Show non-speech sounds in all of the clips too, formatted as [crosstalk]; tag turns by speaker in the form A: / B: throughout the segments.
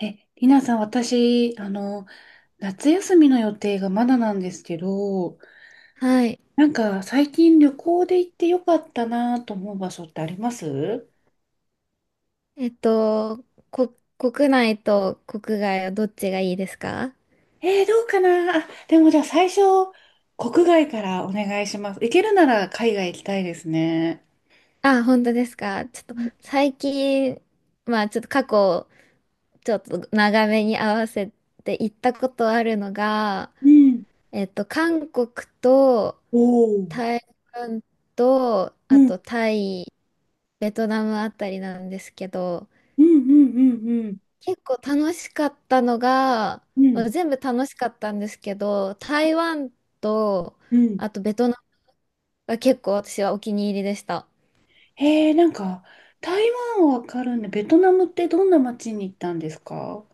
A: え、りなさん、私、夏休みの予定がまだなんですけど、
B: はい。
A: なんか最近旅行で行ってよかったなと思う場所ってあります？
B: えっと、国内と国外はどっちがいいですか？
A: どうかなあ、でもじゃあ最初、国外からお願いします。行けるなら海外行きたいですね。
B: あ、本当ですか？ちょっと最近、まあちょっと過去、ちょっと長めに合わせて行ったことあるのが、
A: うん。
B: 韓国と
A: おー
B: 台湾と、
A: う
B: あ
A: ん、
B: とタイ、ベトナムあたりなんですけど、
A: うん、うん、うん、
B: 結構楽しかったのが、
A: うん、う
B: ま
A: ん。
B: あ全部楽しかったんですけど、台湾と、
A: うん
B: あとベトナムが結構私はお気に入りでした。
A: なんか、台湾はわかるんで、ベトナムってどんな街に行ったんですか？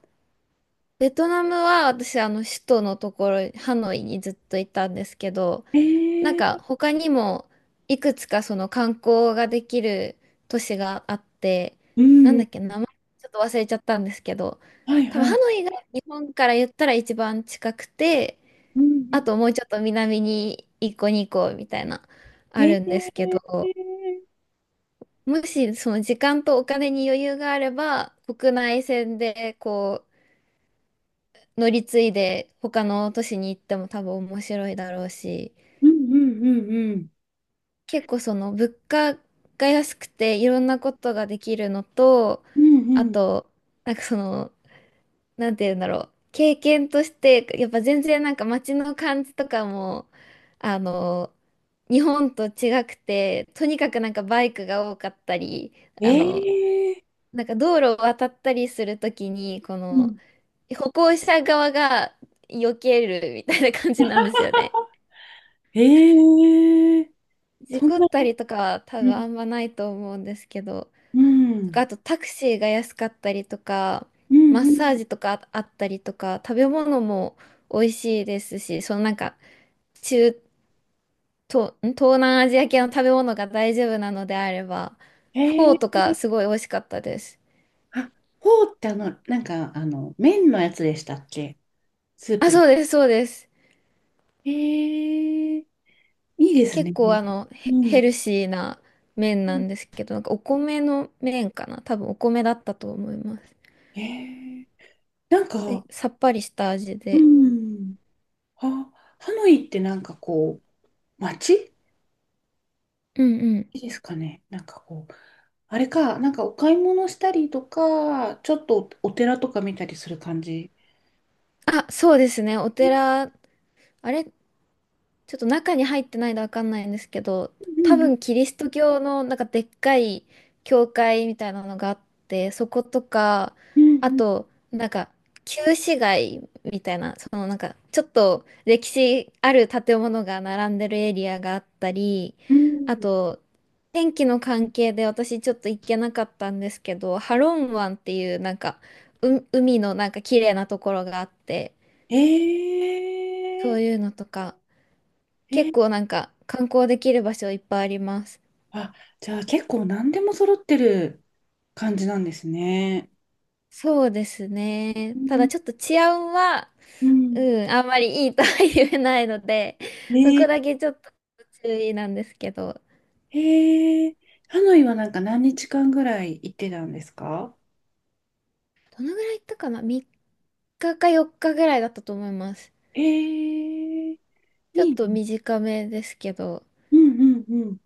B: ベトナムは私首都のところ、ハノイにずっといたんですけど、
A: え
B: なんか
A: ー、
B: 他にもいくつかその観光ができる都市があって、
A: う
B: なん
A: ん、
B: だっけ、名前ちょっと忘れちゃったんですけど、
A: はい
B: 多分
A: は
B: ハ
A: い。
B: ノイが日本から言ったら一番近くて、
A: うんう
B: あ
A: ん。
B: ともうちょっと南に一個2個みたいな、あ
A: え
B: るんですけ
A: ー
B: ど、もしその時間とお金に余裕があれば、国内線で乗り継いで他の都市に行っても多分面白いだろうし、
A: うんうんうんうん。
B: 結構その物価が安くていろんなことができるのと、
A: うん
B: あ
A: うん。
B: と、なんかその、なんて言うんだろう、経験として、やっぱ全然なんか街の感じとかも、あの、日本と違くて、とにかくなんかバイクが多かったり、
A: え
B: あの、
A: え
B: なんか道路を渡ったりするときに、こ
A: う
B: の
A: ん。
B: 歩行者側が避けるみたいな感じなんですよね。
A: ええ
B: 事
A: そん
B: 故
A: な、
B: ったりとかは多
A: う
B: 分
A: ん、
B: あんまないと思うんですけど、
A: う
B: とか
A: ん、
B: あとタクシーが安かったりとか、
A: うん
B: マッ
A: う
B: サー
A: ん。
B: ジとかあったりとか、食べ物も美味しいですし、そのなんか中東、ん東南アジア系の食べ物が大丈夫なのであれば、フォーと
A: ええ
B: かすごい美味しかったです。
A: あ、フォーってなんか、麺のやつでしたっけ？スー
B: あ、
A: プの。
B: そうです、そうです。
A: ええいいです
B: 結
A: ね。
B: 構
A: う
B: ヘ
A: ん。
B: ルシーな麺
A: う
B: な
A: ん
B: んですけど、なんかお米の麺かな多分お米だったと思います。
A: ええなんか、
B: え、さっぱりした味
A: う
B: で。
A: ん。あ、ハノイってなんかこう、街
B: うんうん。
A: いいですかね。なんかこう、あれか、なんかお買い物したりとか、ちょっとお寺とか見たりする感じ。
B: あ、そうですね。お
A: うん
B: 寺、あれちょっと中に入ってないのわかんないんですけど、
A: う
B: 多
A: ん
B: 分キリスト教のなんかでっかい教会みたいなのがあって、そことか、
A: う
B: あ
A: ん
B: と、なんか旧市街みたいな、そのなんかちょっと歴史ある建物が並んでるエリアがあったり、
A: うん
B: あ
A: うん
B: と、天気の関係で私ちょっと行けなかったんですけど、ハロン湾っていうなんか、海のなんか綺麗なところがあって、
A: え
B: そう
A: ー、
B: いうのとか、
A: え
B: 結
A: ー、
B: 構なんか観光できる場所いっぱいあります。
A: あ、じゃあ結構何でも揃ってる感じなんですね。
B: そうですね。
A: う
B: ただ
A: ん
B: ちょっと治安は、
A: うん
B: うん、あんまりいいとは言えないので、そ
A: ね
B: こだけちょっと注意なんですけど、
A: え、ハノイはなんか何日間ぐらい行ってたんですか？
B: どのぐらい行ったかな？ 3 日か4日ぐらいだったと思います。
A: えー、
B: ちょっ
A: い
B: と
A: い。
B: 短めですけど、
A: うんうんうん。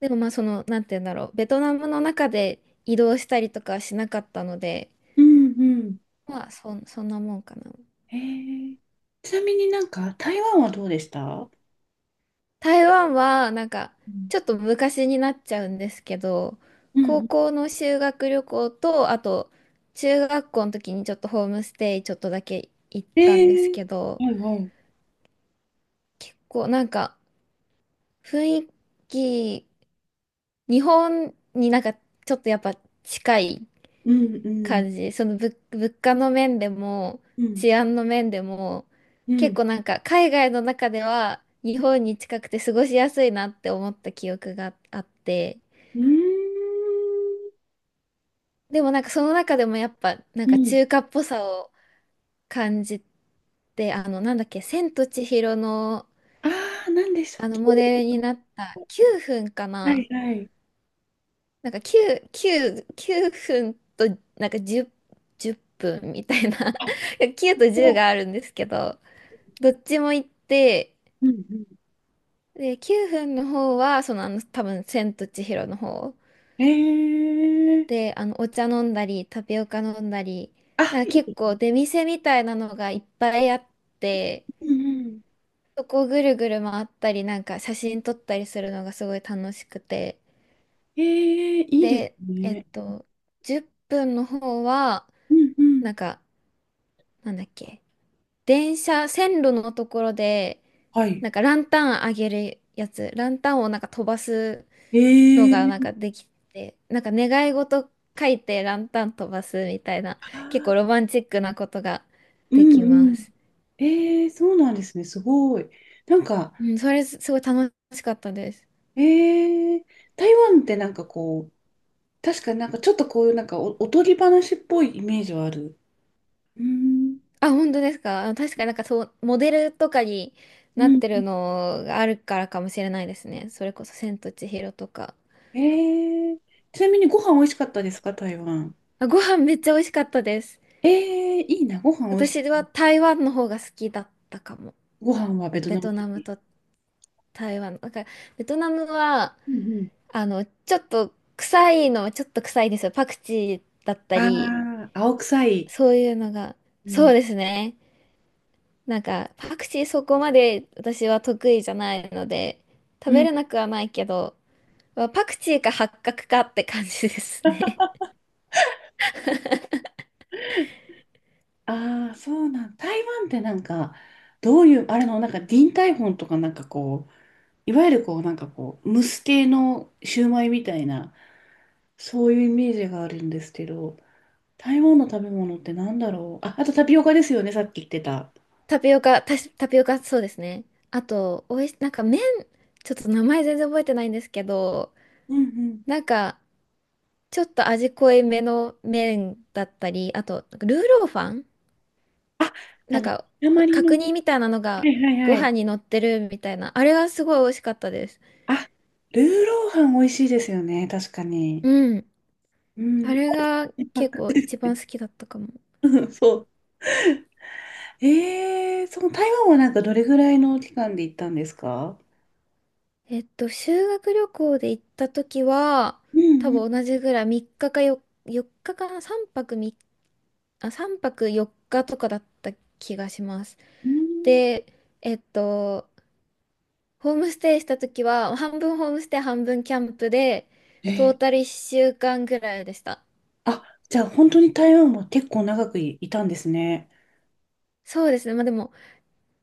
B: でもまあその、なんて言うんだろう、ベトナムの中で移動したりとかはしなかったので、
A: うんうん。
B: まあそんなもんかな。
A: えー、ちなみになんか台湾はどうでした？
B: 台湾はなんか
A: うん
B: ちょっと昔になっちゃうんですけど、
A: う
B: 高
A: ん
B: 校の修学旅行とあと中学校の時にちょっとホームステイちょっとだけ行っ
A: え
B: たんです
A: ー、
B: けど、
A: はいはい。
B: 結構なんか雰囲気日本になんかちょっとやっぱ近い
A: うんう
B: 感
A: ん
B: じ、その物価の面でも
A: うん
B: 治安の面でも
A: う
B: 結
A: ん
B: 構なんか海外の中では日本に近くて過ごしやすいなって思った記憶があって。
A: うーん
B: でもなんかその中でもやっぱなん
A: う
B: か
A: ん
B: 中華っぽさを感じて、なんだっけ、千と千尋の
A: ああー、なんでしたっ
B: あの
A: け？
B: モデルになった9分か
A: はい
B: な。
A: はい。
B: なんか9、9、9分となんか10、分みたいな
A: あ、
B: [laughs]。9と10
A: そ
B: があるんですけど、どっちも行って、
A: う。うんう
B: で、9分の方は多分千と千尋の方。
A: ん
B: で、お茶飲んだり、タピオカ飲んだり、
A: あ、
B: なんか
A: い
B: 結
A: い。
B: 構出店みたいなのがいっぱいあって、
A: うんうん。
B: そこをぐるぐる回ったり、なんか写真撮ったりするのがすごい楽しくて。
A: いいです
B: で、
A: ね。
B: 10分の方は、
A: うんうん。
B: なんか、なんだっけ、電車、線路のところで、
A: は
B: な
A: い。
B: んかランタンあげるやつ、ランタンをなんか飛ばす
A: え
B: のがなん
A: ー、
B: かできて、なんか願い事書いてランタン飛ばすみたいな、
A: あ
B: 結構ロ
A: ー
B: マンチックなことが
A: う
B: でき
A: んう
B: ま
A: ん。
B: す。
A: えそうなんですね。すごい。なんか、
B: うん、それすごい楽しかったです。
A: ええ台湾ってなんかこう、確かになんかちょっとこういうなんかおとぎ話っぽいイメージはある。うん。
B: あ、本当ですか？あ、確かになんかそう、モデルとかに
A: う
B: なっ
A: ん。
B: てるのがあるからかもしれないですね。それこそ千と千尋とか。
A: ええちなみにご飯美味しかったですか、台湾？
B: あ、ご飯めっちゃ美味しかったです。
A: ええいいな、ご飯美味しい。
B: 私は台湾の方が好きだったかも。
A: ご飯はベトナ
B: ベ
A: ム
B: ト
A: 料
B: ナム
A: 理。
B: と台湾。なんかベトナムは
A: うんうん。
B: ちょっと臭いのはちょっと臭いですよ。パクチーだったり、
A: ああ、青臭い。
B: そういうのが。
A: う
B: そ
A: ん。
B: うですね。なんか、パクチーそこまで私は得意じゃないので、食
A: う
B: べ
A: ん。
B: れなくはないけど、まあパクチーか八角かって感じですね。
A: ああ、そうなん。台湾ってなんか、どういう、あれの、なんか、ディンタイフォンとかなんかこう、いわゆるこう、なんかこう、蒸す系のシューマイみたいな、そういうイメージがあるんですけど、台湾の食べ物ってなんだろう。あ、あとタピオカですよね、さっき言ってた。
B: [laughs] タピオカ、そうですね。あと、おいし、なんか麺、ちょっと名前全然覚えてないんですけど、
A: うんうん。
B: なんか、ちょっと味濃いめの麺だったり、あと、ルーローファン、
A: あ、あ
B: なん
A: の、
B: か、
A: 鉛の
B: 角
A: ね。
B: 煮みたいなの
A: は
B: が
A: いはい
B: ご
A: はい。
B: 飯に乗ってるみたいな。あれがすごい美味しかったです。
A: あ、ルーローハン美味しいですよね、確かに。
B: うん。
A: う
B: あ
A: ん。
B: れが結
A: [laughs]
B: 構
A: で
B: 一
A: す
B: 番
A: ね
B: 好きだったかも。
A: うんそう。その台湾はなんかどれぐらいの期間で行ったんですか？
B: 修学旅行で行った時は、
A: う
B: 多
A: んうん。
B: 分同じぐらい3日かかよ4日かかな？ 3 泊3、さんぱくみあ、3泊4日とかだった気がします。
A: うん
B: で、えっと、ホームステイした時は、半分ホームステイ、半分キャンプで、
A: え
B: ト
A: ー、
B: ータル1週間ぐらいでした。
A: あ、じゃあ本当に台湾は結構長くい、いたんですね。
B: そうですね。まあでも、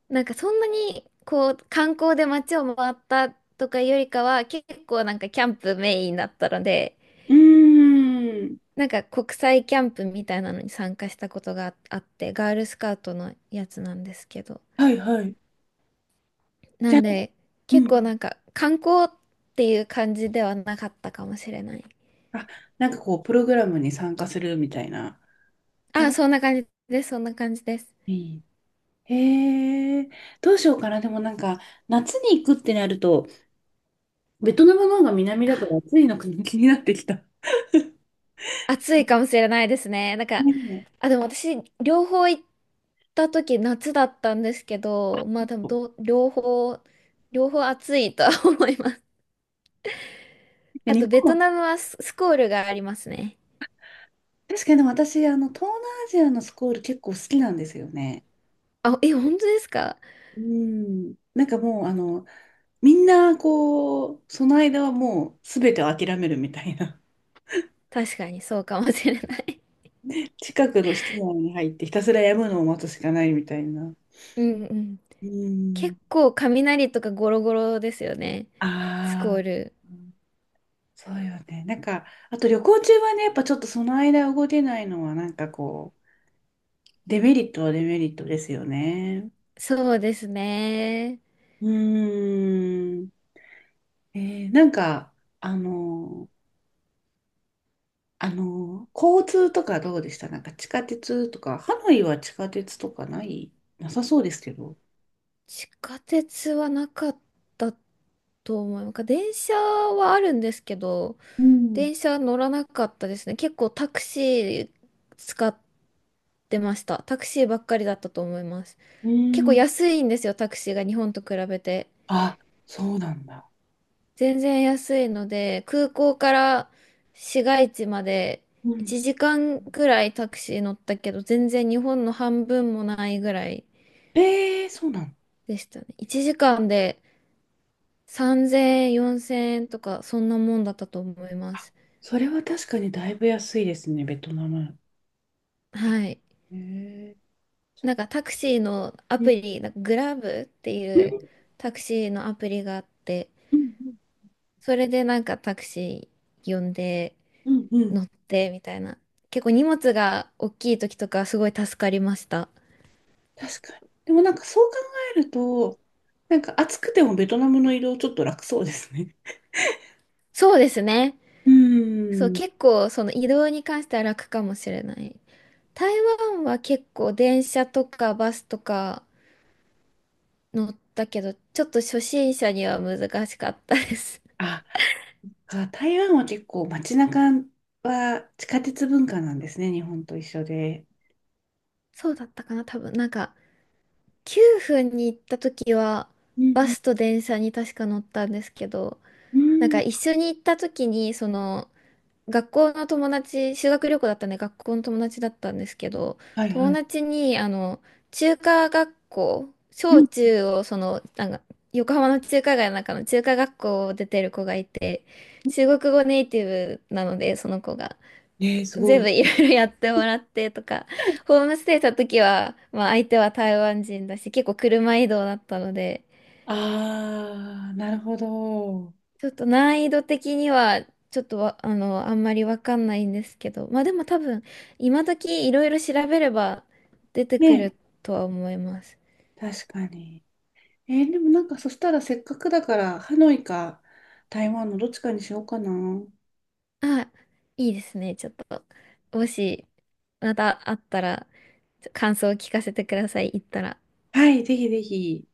B: なんかそんなにこう観光で街を回ったとかよりかは結構なんかキャンプメインだったので、
A: うーん。
B: なんか国際キャンプみたいなのに参加したことがあって、ガールスカウトのやつなんですけど、
A: はいはい。
B: な
A: じゃあ、
B: んで
A: う
B: 結構
A: ん。
B: なんか観光っていう感じではなかったかもしれない。
A: あ、なんかこう、プログラムに参加するみたいなの
B: あ、
A: が
B: そんな感じです、そんな感じです。
A: いい。へえ、どうしようかな。でもなんか、夏に行くってなると、ベトナムの方が南
B: あ、
A: だから暑いのか [laughs] 気になってきた。
B: 暑いかも
A: [laughs]
B: しれないですね、なんか、
A: ねえ。
B: あ、でも私両方行った時夏だったんですけど、まあ多分両方、両方暑いとは [laughs] 思います。
A: で
B: あ
A: 日
B: とベ
A: 本
B: ト
A: は、
B: ナムはスコールがありますね。
A: 確かにでも私、東南アジアのスコール結構好きなんですよね。
B: あ、え、本当ですか？
A: うん。なんかもう、みんな、こう、その間はもう、すべてを諦めるみたいな。
B: 確かにそうかもしれない。
A: [laughs] 近くの室内に入って、ひたすらやむのを待つしかないみたいな。
B: [laughs] うんうん。
A: うん。
B: 結構雷とかゴロゴロですよね。スコ
A: あ
B: ー
A: あ、
B: ル。
A: うんそうよね。なんか、あと旅行中はね、やっぱちょっとその間動けないのは、なんかこう、デメリットはデメリットですよね。
B: そうですね。
A: うーん。えなんか、あの、交通とかどうでした？なんか地下鉄とか、ハノイは地下鉄とかない、なさそうですけど。
B: 地下鉄はなかったと思う。なんか電車はあるんですけど、
A: うん。
B: 電車乗らなかったですね。結構タクシー使っ出ました。タクシーばっかりだったと思います。
A: う
B: 結構
A: ん。
B: 安いんですよ、タクシーが日本と比べて。
A: あ、そうなんだ。
B: 全然安いので、空港から市街地まで
A: うん。
B: 1時間くらいタクシー乗ったけど、全然日本の半分もないぐらい
A: そうなの？
B: でしたね。1時間で3000円、4000円とか、そんなもんだったと思います。
A: それは確かにだいぶ安いですね、ベトナム。へ
B: はい。
A: えーう
B: なんかタクシーのアプ
A: ん
B: リ、なんかグラブってい
A: う
B: う
A: ん
B: タクシーのアプリがあって、
A: うん
B: それでなんかタクシー呼んで
A: うんうん
B: 乗ってみたいな。結構荷物が大きい時とかすごい助かりました。
A: 確かに。でもなんかそう考えると、なんか暑くてもベトナムの移動ちょっと楽そうですね。
B: そうですね。
A: う
B: そう、
A: ん。
B: 結構その移動に関しては楽かもしれない。台湾は結構電車とかバスとか乗ったけど、ちょっと初心者には難しかったです。
A: あ、あ台湾は結構街中は地下鉄文化なんですね、日本と一緒で。
B: [laughs] そうだったかな、多分。なんか9分に行った時は
A: う
B: バ
A: ん
B: スと電車に確か乗ったんですけど、
A: う
B: なん
A: ん。うん
B: か一緒に行った時にその学校の友達、修学旅行だったんで学校の友達だったんですけど、
A: はいは
B: 友
A: い。
B: 達に、中華学校、
A: う
B: 小
A: ん
B: 中を、その、なんか、横浜の中華街の中の中華学校を出てる子がいて、中国語ネイティブなので、その子が、
A: ねえ、すご
B: 全
A: い。
B: 部いろいろやってもらってとか、ホームステイした時は、まあ相手は台湾人だし、結構車移動だったので、
A: ああ、なるほど。
B: ちょっと難易度的には、ちょっとわ、あの、あんまりわかんないんですけど、まあでも多分、今時いろいろ調べれば出てく
A: ね
B: るとは思います。
A: え、確かに。でもなんかそしたらせっかくだから、ハノイか台湾のどっちかにしようかな。
B: あ、いいですね。ちょっと、もし、またあったら、感想を聞かせてください。行ったら。
A: はい、ぜひぜひ。